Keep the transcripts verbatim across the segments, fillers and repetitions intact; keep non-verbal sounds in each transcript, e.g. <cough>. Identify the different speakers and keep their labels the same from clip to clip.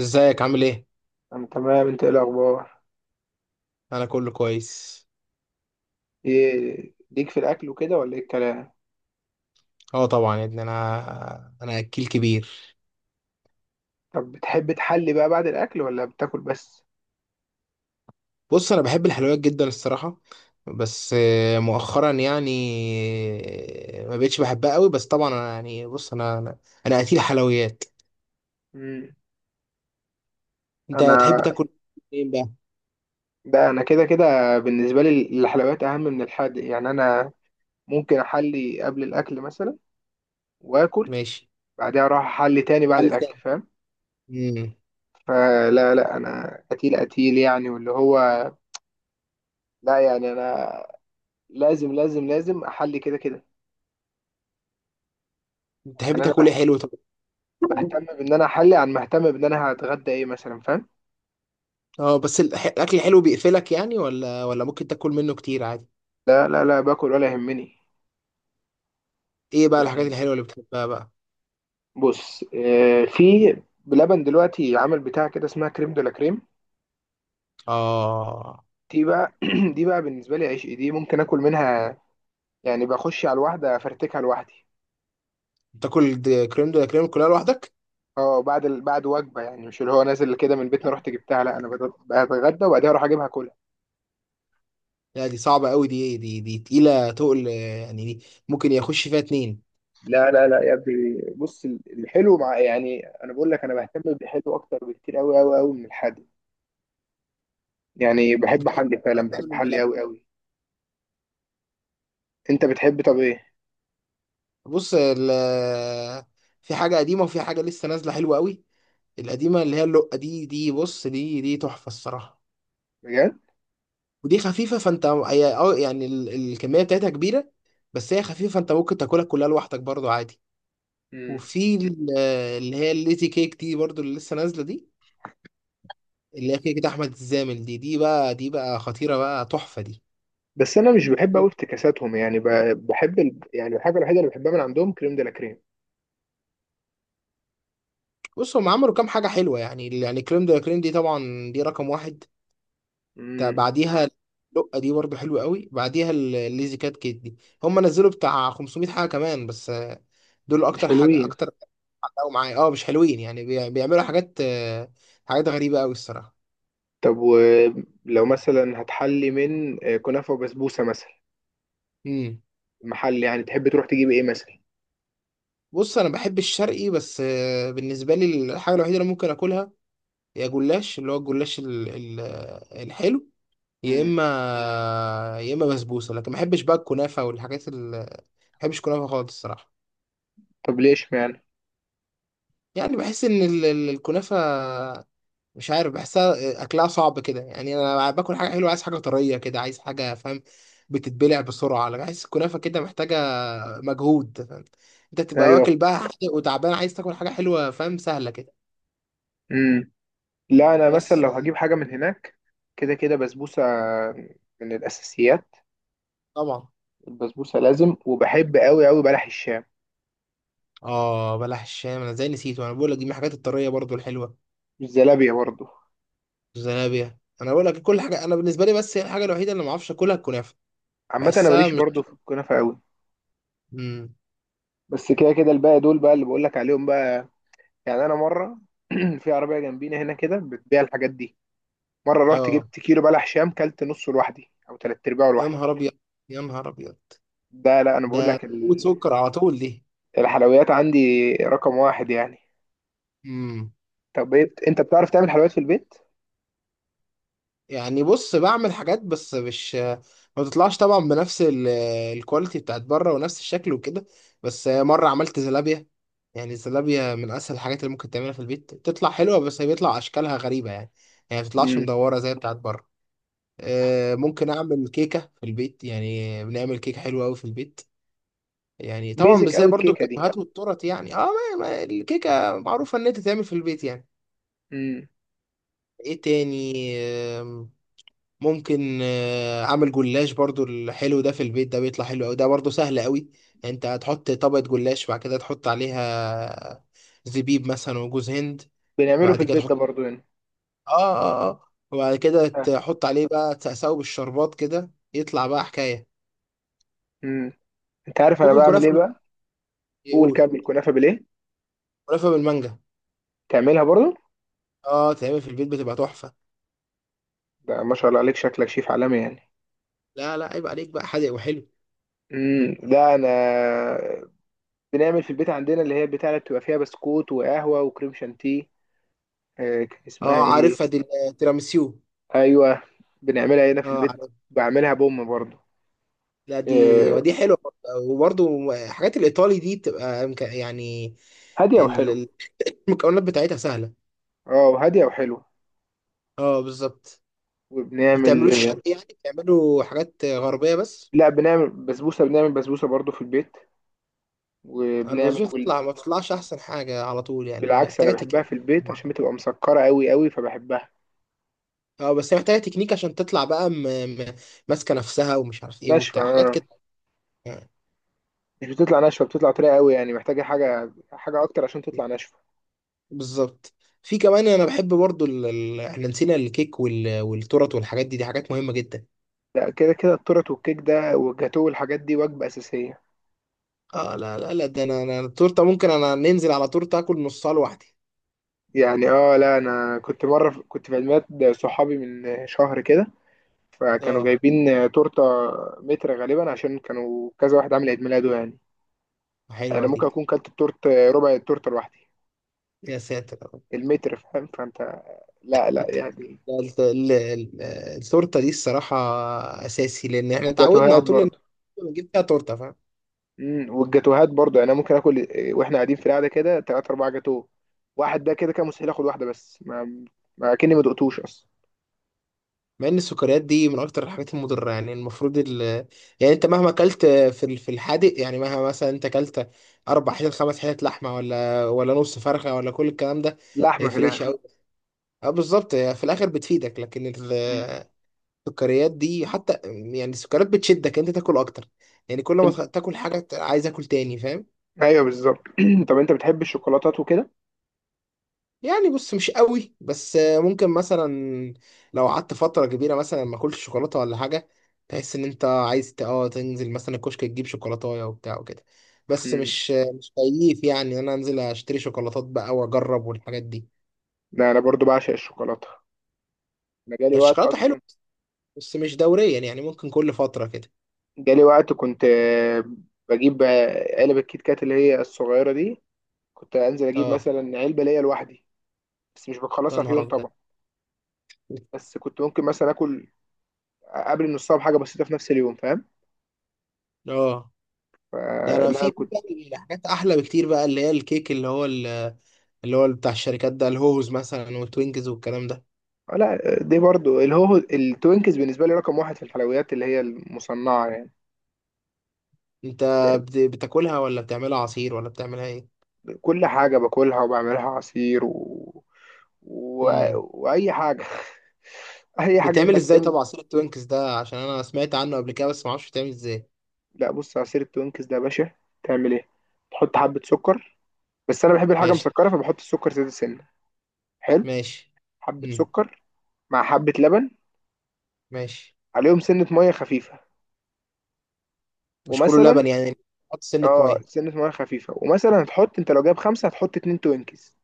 Speaker 1: ازيك عامل ايه؟
Speaker 2: انا تمام، انت ايه الاخبار؟
Speaker 1: انا كله كويس.
Speaker 2: ايه ليك في الاكل وكده ولا ايه الكلام؟
Speaker 1: اه طبعا يا ابني، انا انا اكيل كبير.
Speaker 2: طب بتحب تحلي بقى بعد الاكل ولا بتاكل بس؟
Speaker 1: بص انا بحب الحلويات جدا الصراحه، بس آه، مؤخرا يعني. آه، ما بقتش بحبها قوي، بس طبعا انا يعني، بص انا انا انا اكيل حلويات.
Speaker 2: امم.
Speaker 1: انت تحب
Speaker 2: انا.
Speaker 1: تاكل ايه بقى؟
Speaker 2: ده انا كده كده، بالنسبه لي الحلويات اهم من الحادق، يعني انا ممكن احلي قبل الاكل مثلا واكل
Speaker 1: ماشي.
Speaker 2: بعدها اروح احلي تاني بعد
Speaker 1: حل
Speaker 2: الاكل،
Speaker 1: تاني.
Speaker 2: فاهم؟
Speaker 1: امم.
Speaker 2: فلا لا، انا قتيل قتيل يعني، واللي هو لا يعني انا لازم لازم لازم احلي كده كده.
Speaker 1: تحب
Speaker 2: يعني انا
Speaker 1: تاكل ايه حلو طب؟
Speaker 2: بهتم بان انا احلي عن مهتم بان انا هتغدى ايه مثلا، فاهم؟
Speaker 1: اه بس الح- الاكل الحلو بيقفلك يعني، ولا ولا ممكن تاكل منه كتير عادي؟
Speaker 2: لا لا لا، باكل ولا يهمني.
Speaker 1: ايه بقى الحاجات
Speaker 2: يعني
Speaker 1: الحلوه اللي بتحبها بقى؟
Speaker 2: بص، آه، في بلبن دلوقتي عامل بتاع كده اسمها كريم دولا كريم،
Speaker 1: اه
Speaker 2: دي بقى <clears throat> دي بقى بالنسبه لي عشق، دي ممكن اكل منها يعني، بخش على الواحده افرتكها لوحدي.
Speaker 1: تاكل د- كريم دولا كريم كلها لوحدك؟
Speaker 2: اه بعد ال- بعد وجبه، يعني مش اللي هو نازل كده من بيتنا
Speaker 1: أنا
Speaker 2: رحت جبتها، لا انا بت- بتغدى وبعدها اروح اجيبها كلها.
Speaker 1: لا، دي صعبة قوي، دي دي دي تقيلة تقل آه، يعني دي ممكن يخش فيها اتنين.
Speaker 2: لا لا لا يا ابني، بص ال- الحلو مع، يعني انا بقول لك انا بهتم بالحلو اكتر بكتير قوي قوي قوي من الحادق. يعني بحب
Speaker 1: بت-
Speaker 2: حلي فعلا،
Speaker 1: أنا
Speaker 2: بحب
Speaker 1: من
Speaker 2: حلي
Speaker 1: بلاوي.
Speaker 2: قوي قوي. انت بتحب طب ايه؟
Speaker 1: بص ال في حاجة قديمة وفي حاجة لسه نازلة حلوة قوي. القديمة اللي هي اللقة دي، دي بص دي دي تحفة الصراحة.
Speaker 2: بجد؟
Speaker 1: ودي خفيفة فانت، هي اه يعني ال- الكمية بتاعتها كبيرة، بس هي خفيفة فانت ممكن تاكلها كلها لوحدك برضو عادي.
Speaker 2: مم.
Speaker 1: وفي ال- اللي هي الليتي كيك دي برضو، اللي لسه نازلة دي، اللي هي كده كده احمد الزامل دي، دي بقى دي بقى خطيره بقى تحفه دي.
Speaker 2: بس انا مش بحب قوي افتكاساتهم، يعني ب- بحب ال... يعني الحاجه الوحيده اللي بحبها من عندهم كريم دي لا كريم.
Speaker 1: بص هم عملوا كام حاجه حلوه يعني، يعني كريم ده كريم دي طبعا، دي رقم واحد. تا-
Speaker 2: مم،
Speaker 1: بعديها لقه دي برضو حلوه قوي، بعديها ال- الليزي كات كيت دي. هم نزلوا بتاع خمسمائة حاجه كمان بس آه، دول
Speaker 2: مش
Speaker 1: اكتر حاجه،
Speaker 2: حلوين.
Speaker 1: اكتر حاجه معايا. اه مش حلوين يعني، بي- بيعملوا حاجات آه، حاجات غريبه قوي الصراحه.
Speaker 2: طب ولو مثلا هتحلي من آه، كنافه وبسبوسه مثلا،
Speaker 1: امم.
Speaker 2: محل يعني تحب تروح تجيب ايه مثلا؟
Speaker 1: بص انا بحب الشرقي بس آه، بالنسبه لي الحاجه الوحيده اللي ممكن اكلها هي جلاش، اللي هو الجلاش ال- ال- الحلو، يا
Speaker 2: مم.
Speaker 1: اما يا اما بسبوسه. لكن ما بحبش بقى الكنافه والحاجات ال ما بحبش الكنافه خالص الصراحه.
Speaker 2: طب ليش يعني؟
Speaker 1: يعني بحس ان ال- ال- الكنافه مش عارف، بحسها اكلها صعب كده. يعني انا باكل حاجه حلوه عايز حاجه طريه كده، عايز حاجه فاهم بتتبلع بسرعه، لكن بحس الكنافه كده محتاجه مجهود فاهم. انت تبقى
Speaker 2: ايوه.
Speaker 1: واكل بقى حادق وتعبان عايز تاكل حاجه حلوه فاهم سهله كده.
Speaker 2: مم. لا انا مثلا
Speaker 1: بس
Speaker 2: لو هجيب حاجه من هناك كده كده بسبوسه من الاساسيات.
Speaker 1: طبعا.
Speaker 2: البسبوسه لازم، وبحب قوي قوي بلح الشام،
Speaker 1: اه بلح الشام، انا ازاي نسيته، انا بقول لك دي من الحاجات الطريه برضو الحلوه.
Speaker 2: الزلابيه برضو.
Speaker 1: زنابيا انا بقول لك كل حاجه انا بالنسبه لي، بس هي الحاجه الوحيده اللي ما اعرفش اكلها الكنافه.
Speaker 2: عامه انا
Speaker 1: بحسها
Speaker 2: ماليش برضو
Speaker 1: مش.
Speaker 2: في الكنافه قوي،
Speaker 1: مم.
Speaker 2: بس كده كده الباقي دول بقى اللي بقول لك عليهم بقى. يعني انا مره <clears throat> في عربيه جنبينا هنا كده بتبيع الحاجات دي، مره رحت
Speaker 1: اه
Speaker 2: جبت كيلو بلح شام كلت نصه لوحدي او تلات ارباعه
Speaker 1: يا
Speaker 2: لوحدي.
Speaker 1: نهار ابيض، يا نهار ابيض،
Speaker 2: ده لا انا بقول
Speaker 1: ده
Speaker 2: لك
Speaker 1: قوة
Speaker 2: ال-
Speaker 1: سكر على طول دي.
Speaker 2: الحلويات عندي رقم واحد يعني.
Speaker 1: امم.
Speaker 2: طب إيه بت- انت بتعرف تعمل حلويات في البيت؟
Speaker 1: يعني بص بعمل حاجات، بس مش ما بتطلعش طبعا بنفس ال- الكواليتي بتاعت بره ونفس الشكل وكده. بس مره عملت زلابيا، يعني الزلابيا من اسهل الحاجات اللي ممكن تعملها في البيت، بتطلع حلوه بس هي بيطلع اشكالها غريبه يعني، يعني ما بتطلعش
Speaker 2: امم.
Speaker 1: مدوره زي بتاعت بره. آه، ممكن اعمل كيكه في البيت، يعني بنعمل كيكه حلوه قوي في البيت، يعني طبعا مش
Speaker 2: بيزك
Speaker 1: زي
Speaker 2: قوي
Speaker 1: برضو
Speaker 2: الكيكه دي.
Speaker 1: الكافيهات والتورت يعني، اه ما ما الكيكه معروفه ان انت تعمل في البيت يعني.
Speaker 2: امم.
Speaker 1: ايه تاني؟ آم، ممكن آه، اعمل جلاش برضو الحلو ده في البيت، ده بيطلع حلو قوي، ده برضو سهل قوي. انت هتحط طبقه جلاش، بعد كده تحط عليها زبيب مثلا وجوز هند،
Speaker 2: بنعمله في
Speaker 1: بعد كده
Speaker 2: البيت ده
Speaker 1: تحط،
Speaker 2: برضو هنا.
Speaker 1: اه اه اه وبعد كده تحط عليه بقى، تساوي بالشربات كده يطلع بقى حكايه.
Speaker 2: امم. انت عارف انا
Speaker 1: ممكن
Speaker 2: بعمل
Speaker 1: كنافه.
Speaker 2: ايه بقى؟ قول.
Speaker 1: يقول.
Speaker 2: كمل. كنافه بالايه؟
Speaker 1: ملفه بالمانجا.
Speaker 2: تعملها برضو؟
Speaker 1: اه تعمل في البيت بتبقى تحفه.
Speaker 2: ده ما شاء الله عليك، شكلك شيف عالمي يعني.
Speaker 1: لا لا عيب عليك، بقى حادق وحلو.
Speaker 2: امم. ده انا بنعمل في البيت عندنا اللي هي البتاعة اللي بتبقى فيها بسكوت وقهوة وكريم شانتيه، آه، كان اسمها
Speaker 1: اه
Speaker 2: ايه؟
Speaker 1: عارفها دي، التيراميسيو.
Speaker 2: ايوه. بنعملها هنا في
Speaker 1: اه
Speaker 2: البيت،
Speaker 1: عارف.
Speaker 2: بعملها بأم برضه.
Speaker 1: لا دي
Speaker 2: آه،
Speaker 1: ودي حلوه برضه. وبرضه حاجات الايطالي دي بتبقى مك- يعني،
Speaker 2: هادية
Speaker 1: ال-
Speaker 2: وحلو.
Speaker 1: ال- <laughs> المكونات بتاعتها سهله.
Speaker 2: اه هادية وحلو.
Speaker 1: اه بالظبط. ما
Speaker 2: وبنعمل.
Speaker 1: بتعملوش شرق يعني، بتعملوا حاجات غربيه بس.
Speaker 2: لا بنعمل بسبوسة، بنعمل بسبوسة برضه في البيت، وبنعمل
Speaker 1: البازون
Speaker 2: جل...
Speaker 1: تطلع، ما بتطلعش احسن حاجه على طول يعني،
Speaker 2: بالعكس انا
Speaker 1: محتاجه تكنيك.
Speaker 2: بحبها في البيت عشان بتبقى مسكرة قوي قوي، فبحبها.
Speaker 1: اه بس هي محتاجه تكنيك عشان تطلع بقى م... م... ماسكه نفسها، ومش عارف ايه
Speaker 2: ناشفة
Speaker 1: وبتاع حاجات
Speaker 2: آه.
Speaker 1: كده يعني.
Speaker 2: مش بتطلع ناشفة، بتطلع طرية قوي يعني، محتاجة حاجة حاجة اكتر عشان تطلع ناشفة.
Speaker 1: بالظبط. في كمان، انا بحب برضو ال... ال... احنا نسينا الكيك وال... والتورت والحاجات دي، دي حاجات مهمة جدا.
Speaker 2: لا كده كده التورت والكيك ده والجاتوه والحاجات دي وجبة أساسية
Speaker 1: اه لا لا لا ده انا انا التورته ممكن انا ننزل على تورته اكل نصها لوحدي.
Speaker 2: يعني. اه لا انا كنت مره في- كنت في عيد ميلاد صحابي من شهر كده، فكانوا
Speaker 1: اه
Speaker 2: جايبين تورته متر غالبا عشان كانوا كذا واحد عامل عيد ميلاده يعني. انا
Speaker 1: حلوه دي.
Speaker 2: ممكن اكون كلت التورت ربع التورته لوحدي،
Speaker 1: يا ساتر يا رب.
Speaker 2: المتر، فاهم فانت؟ لا لا يعني،
Speaker 1: لا، الت- ال- ال- التورته دي الصراحه اساسي، لان احنا اتعودنا
Speaker 2: والجاتوهات
Speaker 1: على طول إن
Speaker 2: برضو.
Speaker 1: نجيب فيها تورته.
Speaker 2: امم. والجاتوهات برضو، يعني انا ممكن اكل واحنا قاعدين في القعده كده ثلاثة اربعة جاتوه واحد، ده كده كان مستحيل اخد واحده بس، ما ما كأني ما دقتوش اصلا.
Speaker 1: مع ان السكريات دي من اكتر الحاجات المضره، يعني المفروض ال... يعني انت مهما اكلت في ال- في الحادق، يعني مهما مثلا انت اكلت اربع حتت خمس حتت لحمه ولا ولا نص فرخه ولا كل الكلام ده، ما
Speaker 2: لحمه في
Speaker 1: يفرقش
Speaker 2: الاخر.
Speaker 1: قوي. اه بالظبط، هي في الاخر بتفيدك لكن
Speaker 2: امم.
Speaker 1: ال- السكريات دي حتى، يعني السكريات بتشدك انت تاكل اكتر، يعني كل ما
Speaker 2: انت.
Speaker 1: تاكل حاجه عايز اكل تاني فاهم.
Speaker 2: ايوه بالظبط. <clears throat> طب انت بتحب الشوكولاتات وكده؟
Speaker 1: يعني بص مش قوي، بس ممكن مثلا لو قعدت فترة كبيرة مثلا ما اكلتش شوكولاتة ولا حاجة، تحس ان انت عايز ت- اه تنزل مثلا الكشك تجيب شوكولاتاية وبتاع وكده. بس مش مش كيف يعني ان انا انزل اشتري شوكولاتات بقى واجرب والحاجات دي.
Speaker 2: لا انا برضو بعشق الشوكولاته، انا جالي
Speaker 1: يعني
Speaker 2: وقت
Speaker 1: الشوكولاتة حلوة
Speaker 2: اصلا.
Speaker 1: بس مش دوريا يعني، ممكن كل فترة كده.
Speaker 2: جالي وقت كنت آه، بجيب آه، علب الكيت كات اللي هي الصغيره دي، كنت انزل اجيب
Speaker 1: اه
Speaker 2: مثلا علبه ليا لوحدي. بس مش
Speaker 1: يا
Speaker 2: بخلصها في
Speaker 1: نهار
Speaker 2: يوم
Speaker 1: ابيض.
Speaker 2: طبعا، بس كنت ممكن مثلا اكل قبل نصها بحاجه بسيطه في نفس اليوم، فاهم؟
Speaker 1: اه لا
Speaker 2: آه،
Speaker 1: انا
Speaker 2: لا
Speaker 1: في في
Speaker 2: كنت
Speaker 1: بقى حاجات احلى بكتير بقى، اللي هي الكيك اللي هو ال- اللي هو بتاع الشركات ده، الهوز مثلا والتوينكز والكلام ده.
Speaker 2: آه، لا دي برضو اللي هو التوينكس بالنسبه لي رقم واحد في الحلويات اللي هي المصنعه يعني.
Speaker 1: انت
Speaker 2: لا،
Speaker 1: بت- بتاكلها ولا بتعملها عصير ولا بتعملها ايه؟
Speaker 2: كل حاجه باكلها وبعملها عصير و... و...
Speaker 1: امم.
Speaker 2: واي حاجه، <laughs> اي حاجه
Speaker 1: بتعمل
Speaker 2: ينفع
Speaker 1: ازاي
Speaker 2: تتعمل.
Speaker 1: طب عصير التوينكس ده؟ عشان انا سمعت عنه قبل كده بس ما اعرفش بتعمل ازاي.
Speaker 2: لا بص عصير التوينكس ده يا باشا، تعمل ايه؟ تحط حبة سكر، بس انا بحب الحاجة
Speaker 1: ماشي.
Speaker 2: مسكرة فبحط السكر زيادة سنة. حلو.
Speaker 1: ماشي.
Speaker 2: حبة
Speaker 1: امم.
Speaker 2: سكر مع حبة لبن،
Speaker 1: ماشي.
Speaker 2: عليهم سنة مية خفيفة.
Speaker 1: مش كله لبن
Speaker 2: ومثلا،
Speaker 1: يعني، حط سنة
Speaker 2: اه
Speaker 1: مية.
Speaker 2: سنة مية خفيفة، ومثلا هتحط انت لو جايب خمسة هتحط اتنين توينكس،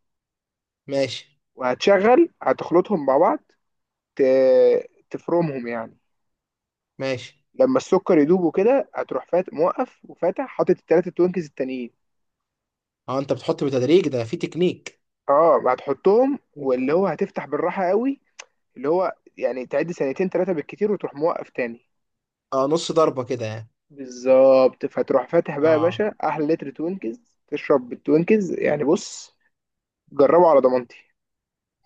Speaker 1: ماشي.
Speaker 2: وهتشغل هتخلطهم مع بعض، ت... تفرمهم يعني.
Speaker 1: ماشي.
Speaker 2: لما السكر يدوب وكده هتروح فات موقف وفاتح حاطط التلاتة توينكس التانيين،
Speaker 1: اه انت بتحط بتدريج، ده في تكنيك.
Speaker 2: اه هتحطهم واللي
Speaker 1: مم.
Speaker 2: هو هتفتح بالراحة قوي. اللي هو يعني تعد سنتين ثلاثة بالكتير وتروح موقف تاني.
Speaker 1: اه نص ضربة كده يعني.
Speaker 2: بالظبط، فتروح فاتح بقى يا
Speaker 1: اه
Speaker 2: باشا أحلى لتر توينكز، تشرب بالتوينكز يعني. بص، جربه على ضمانتي.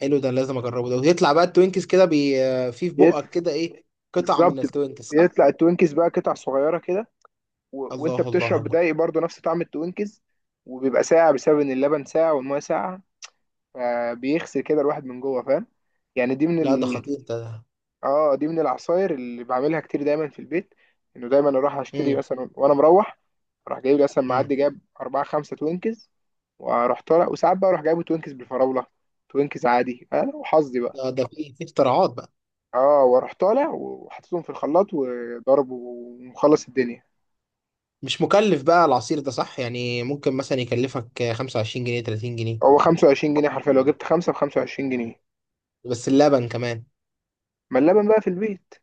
Speaker 1: حلو، ده لازم اجربه ده. ويطلع بقى التوينكس كده بي آه، في في
Speaker 2: بيت-
Speaker 1: بقك كده ايه؟ قطع
Speaker 2: بالظبط،
Speaker 1: من التوينكس صح؟
Speaker 2: بيطلع التوينكز بقى قطع صغيرة كده، و... وأنت
Speaker 1: الله الله
Speaker 2: بتشرب
Speaker 1: الله.
Speaker 2: دايق برضه نفس طعم التوينكز، وبيبقى ساقع بسبب إن اللبن ساقع والمية ساقعة، فبيغسل كده الواحد من جوه، فاهم؟ يعني دي
Speaker 1: لا ده
Speaker 2: من،
Speaker 1: خطير ده.
Speaker 2: اه دي من العصاير اللي بعملها كتير دايما في البيت. انه دايما اروح اشتري
Speaker 1: امم.
Speaker 2: مثلا وانا مروح، اروح جايب لي مثلا
Speaker 1: امم.
Speaker 2: معدي جاب اربعة خمسة توينكز، واروح طالع. وساعات بقى اروح جايبه توينكز بالفراولة، توينكز عادي، انا وحظي بقى.
Speaker 1: ده ده في في اختراعات بقى.
Speaker 2: اه واروح طالع وحطيتهم في الخلاط وضرب ومخلص الدنيا.
Speaker 1: مش مكلف بقى العصير ده صح يعني؟ ممكن مثلا يكلفك خمسة وعشرين جنيه تلاتين جنيه.
Speaker 2: هو خمسة وعشرين جنيه حرفيا، لو جبت خمسة ب خمسة وعشرين جنيه.
Speaker 1: بس اللبن كمان
Speaker 2: ما اللبن بقى في البيت.